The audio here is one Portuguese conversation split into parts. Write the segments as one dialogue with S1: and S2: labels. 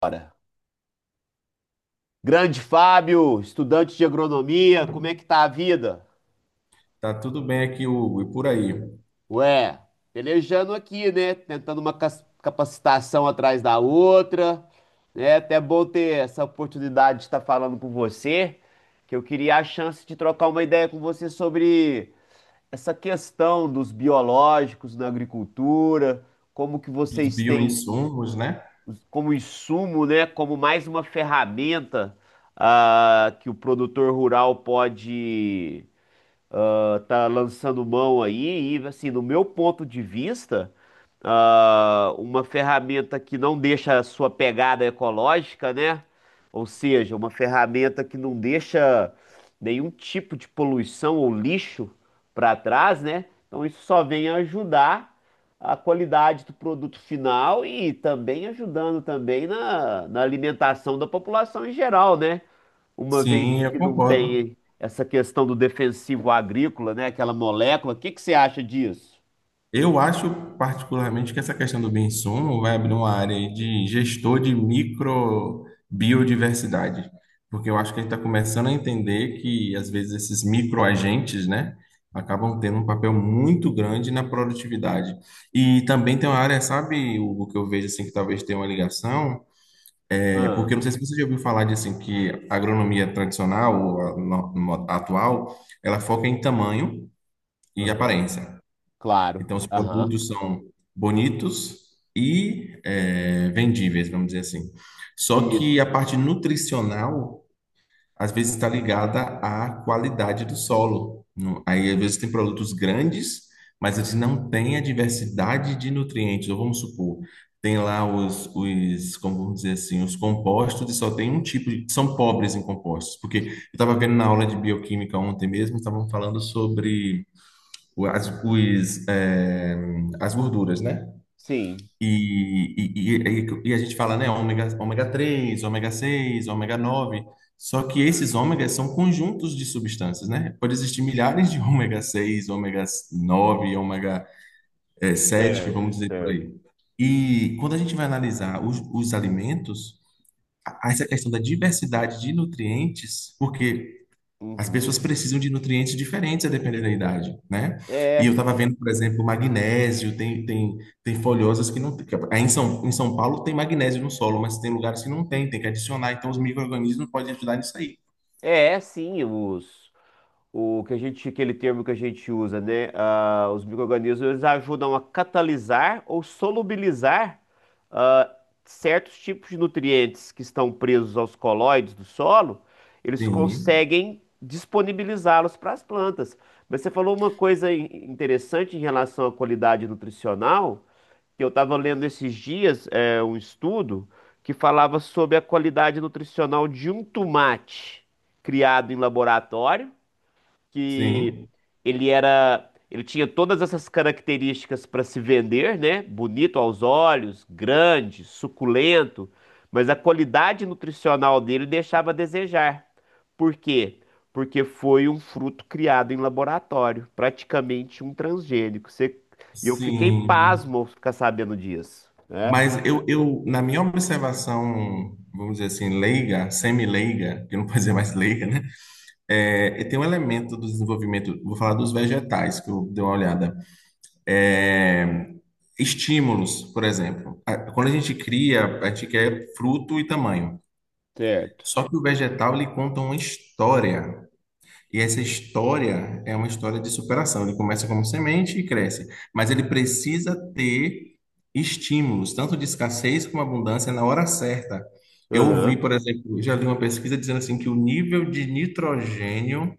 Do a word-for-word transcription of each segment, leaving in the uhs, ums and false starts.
S1: Bora. Grande Fábio, estudante de agronomia, como é que tá a vida?
S2: Tá tudo bem aqui, Hugo, e por aí?
S1: Ué, pelejando aqui, né? Tentando uma cas- capacitação atrás da outra. É até bom ter essa oportunidade de estar falando com você, que eu queria a chance de trocar uma ideia com você sobre essa questão dos biológicos na agricultura, como que
S2: Dos
S1: vocês têm
S2: bioinsumos, né?
S1: como insumo, né? Como mais uma ferramenta ah, que o produtor rural pode ah, tá lançando mão aí. E assim, no meu ponto de vista, ah, uma ferramenta que não deixa a sua pegada ecológica, né? Ou seja, uma ferramenta que não deixa nenhum tipo de poluição ou lixo para trás, né? Então isso só vem ajudar a qualidade do produto final e também ajudando também na, na alimentação da população em geral, né? Uma vez
S2: Sim, eu
S1: que não
S2: concordo.
S1: tem essa questão do defensivo agrícola, né? Aquela molécula. O que que você acha disso?
S2: Eu acho particularmente que essa questão do bioinsumo vai abrir uma área aí de gestor de microbiodiversidade, porque eu acho que a gente está começando a entender que às vezes esses microagentes, né, acabam tendo um papel muito grande na produtividade. E também tem uma área, sabe, Hugo, que eu vejo assim que talvez tenha uma ligação. É porque eu
S1: Ah,
S2: não sei se você já ouviu falar de assim que a agronomia tradicional, ou a no- no- atual, ela foca em tamanho e
S1: aham,
S2: aparência.
S1: claro.
S2: Então os
S1: Aham.
S2: produtos são bonitos e eh, vendíveis, vamos dizer assim. Só que a
S1: Isso.
S2: parte nutricional às vezes está ligada à qualidade do solo. No- Aí, às vezes, tem produtos grandes, mas eles não têm a diversidade de nutrientes. Ou vamos supor, tem lá os, os, como vamos dizer assim, os compostos, e só tem um tipo de, são pobres em compostos. Porque eu estava vendo na aula de bioquímica ontem mesmo, estavam falando sobre o- as, os, eh, as gorduras, né?
S1: Sim.
S2: E, e, e, e a gente fala, né, ômega, ômega três, ômega seis, ômega nove. Só que esses ômegas são conjuntos de substâncias, né? Pode existir milhares de ômega seis, ômega nove, ômega eh, sete,
S1: Certo,
S2: vamos dizer por
S1: certo.
S2: aí. E quando a gente vai analisar os, os alimentos, a- essa questão da diversidade de nutrientes, porque as
S1: Uhum.
S2: pessoas precisam de nutrientes diferentes a depender da idade, né? E eu
S1: É,
S2: estava vendo, por exemplo, magnésio, tem, tem, tem folhosas que não tem. que- Aí em São, em São Paulo tem magnésio no solo, mas tem lugares que não tem, tem que adicionar. Então os micro-organismos podem ajudar nisso aí.
S1: é, sim, os, o que a gente, aquele termo que a gente usa, né? Ah, os micro-organismos eles ajudam a catalisar ou solubilizar ah, certos tipos de nutrientes que estão presos aos colóides do solo, eles
S2: Sim,
S1: conseguem disponibilizá-los para as plantas. Mas você falou uma coisa in- interessante em relação à qualidade nutricional, que eu estava lendo esses dias, é, um estudo que falava sobre a qualidade nutricional de um tomate criado em laboratório, que
S2: sim,
S1: ele era, ele tinha todas essas características para se vender, né? Bonito aos olhos, grande, suculento, mas a qualidade nutricional dele deixava a desejar. Por quê? Porque foi um fruto criado em laboratório, praticamente um transgênico. Você- E eu fiquei
S2: sim.
S1: pasmo ao ficar sabendo disso, né?
S2: Mas eu, eu, na minha observação, vamos dizer assim, leiga, semi-leiga, que não pode dizer mais leiga, né? É, e tem um elemento do desenvolvimento, vou falar dos vegetais, que eu dei uma olhada. É, estímulos, por exemplo. A- Quando a gente cria, a gente quer fruto e tamanho.
S1: Certo.
S2: Só que o vegetal, ele conta uma história. E essa história é uma história de superação. Ele começa como semente e cresce. Mas ele precisa ter estímulos, tanto de escassez como abundância, na hora certa. Eu ouvi,
S1: Aham.
S2: por exemplo, já li uma pesquisa dizendo assim que o nível de nitrogênio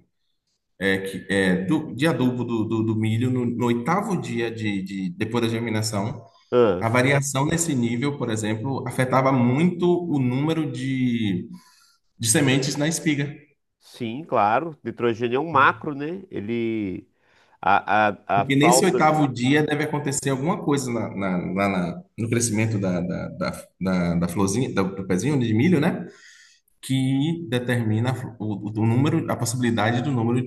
S2: é que é do, de adubo do, do, do milho no, no oitavo dia de, de depois da germinação,
S1: ah,
S2: a variação nesse nível, por exemplo, afetava muito o número de, de sementes na espiga.
S1: Sim, claro. Nitrogênio é um macro, né? Ele. A, a, a
S2: Porque nesse
S1: falta.
S2: oitavo dia deve acontecer alguma coisa na, na, na- na- no crescimento da, da, da, da, da florzinha, do, do pezinho de milho, né? Que determina a flo- o, o número, a possibilidade do número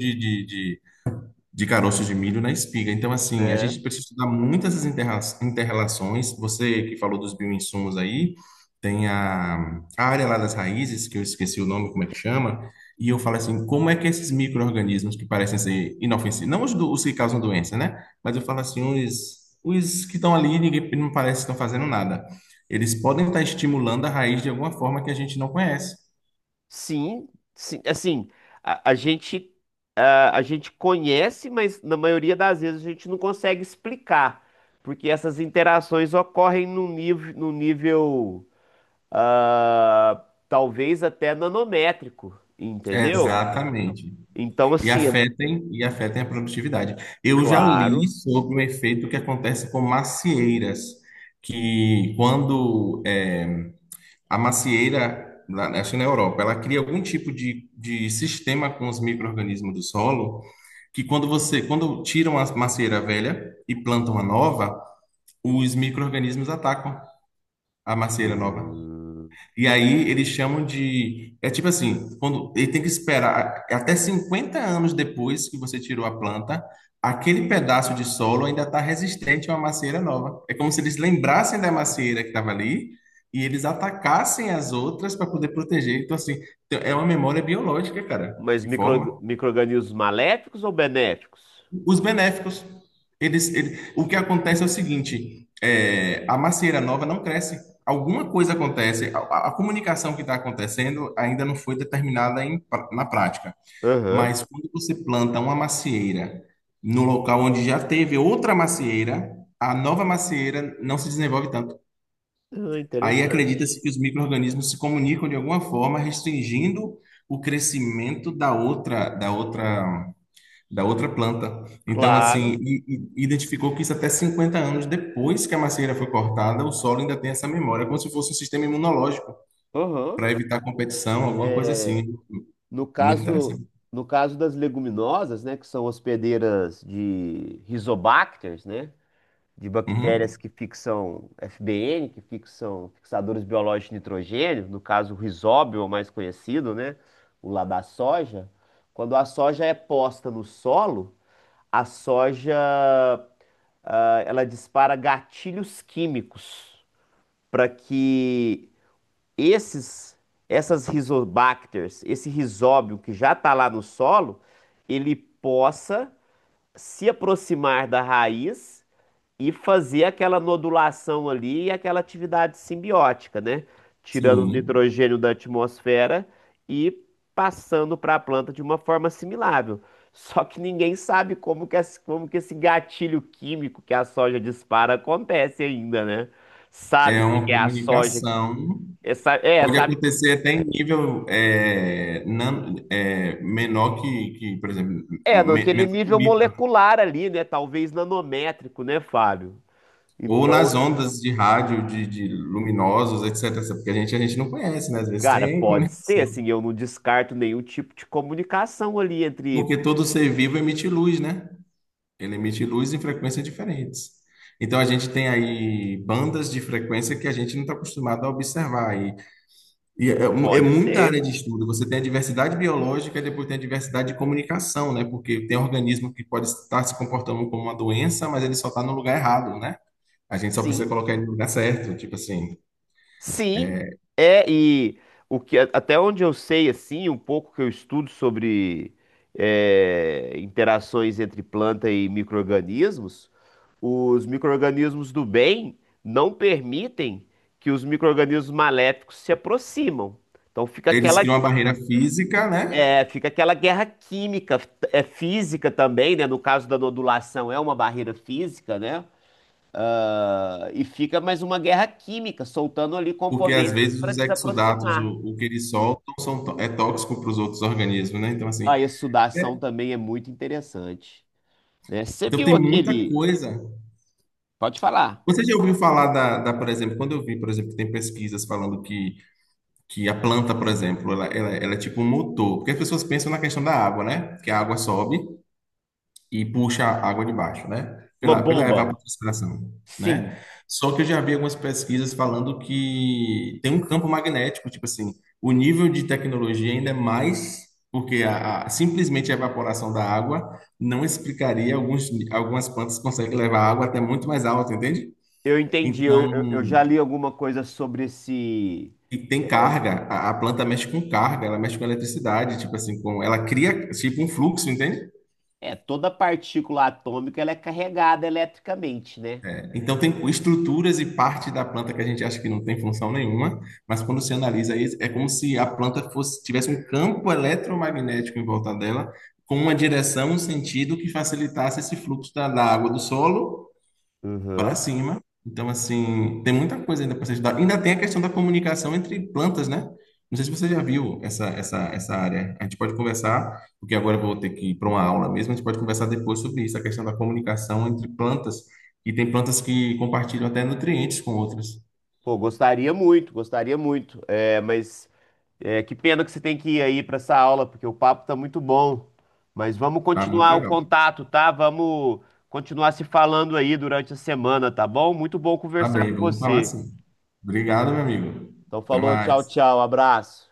S2: de caroços de milho na espiga. Então, assim, a
S1: É.
S2: gente precisa estudar muitas essas interra- interrelações. Você que falou dos bioinsumos aí, tem a, a área lá das raízes, que eu esqueci o nome, como é que chama, e eu falo assim, como é que esses micro-organismos que parecem ser inofensivos, não os, do- os que causam doença, né? Mas eu falo assim, os, os que estão ali, ninguém não parece que estão fazendo nada. Eles podem estar estimulando a raiz de alguma forma que a gente não conhece.
S1: Sim, sim, assim, a, a gente a, a gente conhece, mas na maioria das vezes a gente não consegue explicar, porque essas interações ocorrem no nível, no nível ah, talvez até nanométrico, entendeu?
S2: Exatamente.
S1: Então,
S2: E
S1: assim, é
S2: afetem, e afetem a produtividade. Eu já li
S1: claro.
S2: sobre um efeito que acontece com macieiras, que quando é, a macieira, lá- acho que na Europa, ela cria algum tipo de, de sistema com os micro-organismos do solo, que quando você, quando tiram a macieira velha e plantam a nova, os micro-organismos atacam a macieira nova.
S1: Hum.
S2: E aí eles chamam de. É tipo assim, quando ele tem que esperar até cinquenta anos depois que você tirou a planta, aquele pedaço de solo ainda está resistente a uma macieira nova. É como se eles lembrassem da macieira que estava ali e eles atacassem as outras para poder proteger. Então, assim, então, é uma memória biológica, cara,
S1: Mas
S2: que
S1: micro,
S2: forma.
S1: micro-organismos maléficos ou benéficos?
S2: Os benéficos. Eles, ele- o que acontece é o seguinte: é, a macieira nova não cresce. Alguma coisa acontece. A, a- comunicação que está acontecendo ainda não foi determinada em na prática.
S1: Aham.
S2: Mas quando você planta uma macieira no local onde já teve outra macieira, a nova macieira não se desenvolve tanto.
S1: Ah,
S2: Aí
S1: interessante.
S2: acredita-se que os micro-organismos se comunicam de alguma forma, restringindo o crescimento da outra, da outra da outra planta. Então, assim,
S1: Claro.
S2: e- e- identificou que isso até cinquenta anos depois que a macieira foi cortada, o solo ainda tem essa memória, como se fosse um sistema imunológico
S1: Aham.
S2: para evitar competição, alguma coisa
S1: É.
S2: assim.
S1: No
S2: Muito
S1: caso,
S2: interessante.
S1: no caso das leguminosas, né, que são hospedeiras de rizobacters, né, de
S2: Uhum.
S1: bactérias que fixam F B N, que fixam fixadores biológicos de nitrogênio, no caso o rizóbio, o mais conhecido, né, o lá da soja, quando a soja é posta no solo, a soja, ah, ela dispara gatilhos químicos para que esses, essas rizobacters, esse rizóbio que já está lá no solo, ele possa se aproximar da raiz e fazer aquela nodulação ali e aquela atividade simbiótica, né? Tirando o
S2: Sim,
S1: nitrogênio da atmosfera e passando para a planta de uma forma assimilável. Só que ninguém sabe como que, esse, como que esse gatilho químico que a soja dispara acontece ainda, né?
S2: é
S1: Sabe-se
S2: uma
S1: que é a soja.
S2: comunicação.
S1: É, sa- é,
S2: Pode
S1: sabe,
S2: acontecer até em nível é, nan- é, menor que, que, por exemplo,
S1: é,
S2: me-
S1: naquele
S2: menor que
S1: nível
S2: micro.
S1: molecular ali, né? Talvez nanométrico, né, Fábio?
S2: Ou
S1: Então,
S2: nas ondas de rádio, de, de luminosos, et cetera. Porque a gente, a gente não conhece, né? Às vezes
S1: cara,
S2: tem
S1: pode ser,
S2: comunicação.
S1: assim, eu não descarto nenhum tipo de comunicação ali entre.
S2: Porque todo ser vivo emite luz, né? Ele emite luz em frequências diferentes. Então a gente tem aí bandas de frequência que a gente não está acostumado a observar. E, e é, um- é
S1: Pode
S2: muita área de
S1: ser,
S2: estudo. Você tem a diversidade biológica e depois tem a diversidade de comunicação, né? Porque tem organismo que pode estar se comportando como uma doença, mas ele só está no lugar errado, né? A gente só precisa
S1: sim.
S2: colocar ele no lugar certo. Tipo assim,
S1: Sim, é, e o que, a- até onde eu sei, assim, um pouco que eu estudo sobre é, interações entre planta e micro-organismos, os micro-organismos do bem não permitem que os micro-organismos maléficos se aproximam. Então fica
S2: eles
S1: aquela,
S2: criam uma barreira física, né?
S1: é, fica aquela guerra química, é física também, né? No caso da nodulação, é uma barreira física, né? Ah, e fica mais uma guerra química, soltando ali
S2: Porque às
S1: componentes
S2: vezes
S1: para
S2: os exudatos,
S1: desaproximar.
S2: o, o que eles soltam, são, tó- é tóxico para os outros organismos, né? Então, assim.
S1: Ah, e a
S2: É,
S1: sudação também é muito interessante, né? Você
S2: Então
S1: viu
S2: tem muita
S1: aquele...
S2: coisa.
S1: Pode falar.
S2: Você já ouviu falar da, da, por exemplo, quando eu vi, por exemplo, que tem pesquisas falando que, que a planta, por exemplo, ela, ela, ela é tipo um motor, porque as pessoas pensam na questão da água, né? Que a água sobe e puxa a água de baixo, né?
S1: Uma
S2: Pela, pela
S1: bomba.
S2: evapotranspiração, né?
S1: Sim,
S2: Só que eu já vi algumas pesquisas falando que tem um campo magnético, tipo assim, o nível de tecnologia ainda é mais, porque a, a- simplesmente a evaporação da água não explicaria alguns, algumas plantas conseguem levar água até muito mais alto, entende?
S1: eu entendi. Eu,
S2: Então,
S1: eu, eu já li alguma coisa sobre esse...
S2: e tem carga, a, a planta mexe com carga, ela mexe com eletricidade, tipo assim, com, ela cria tipo um fluxo, entende?
S1: É, toda partícula atômica ela é carregada eletricamente, né?
S2: Então, tem estruturas e parte da planta que a gente acha que não tem função nenhuma, mas quando se analisa isso, é como se a planta fosse, tivesse um campo eletromagnético em volta dela, com uma direção, um sentido que facilitasse esse fluxo da, da água do solo para
S1: Uhum.
S2: cima. Então, assim, tem muita coisa ainda para se estudar. Ainda tem a questão da comunicação entre plantas, né? Não sei se você já viu essa, essa, essa área. A gente pode conversar, porque agora eu vou ter que ir para uma aula mesmo. A gente pode conversar depois sobre isso, a questão da comunicação entre plantas. E tem plantas que compartilham até nutrientes com outras.
S1: Pô, gostaria muito, gostaria muito. É, mas é, que pena que você tem que ir aí para essa aula, porque o papo tá muito bom. Mas vamos
S2: Tá muito
S1: continuar o
S2: legal.
S1: contato, tá? Vamos continuar se falando aí durante a semana, tá bom? Muito bom
S2: Tá
S1: conversar
S2: bem,
S1: com
S2: vamos falar
S1: você.
S2: assim. Obrigado, meu amigo.
S1: Então
S2: Até
S1: falou, tchau,
S2: mais.
S1: tchau, abraço.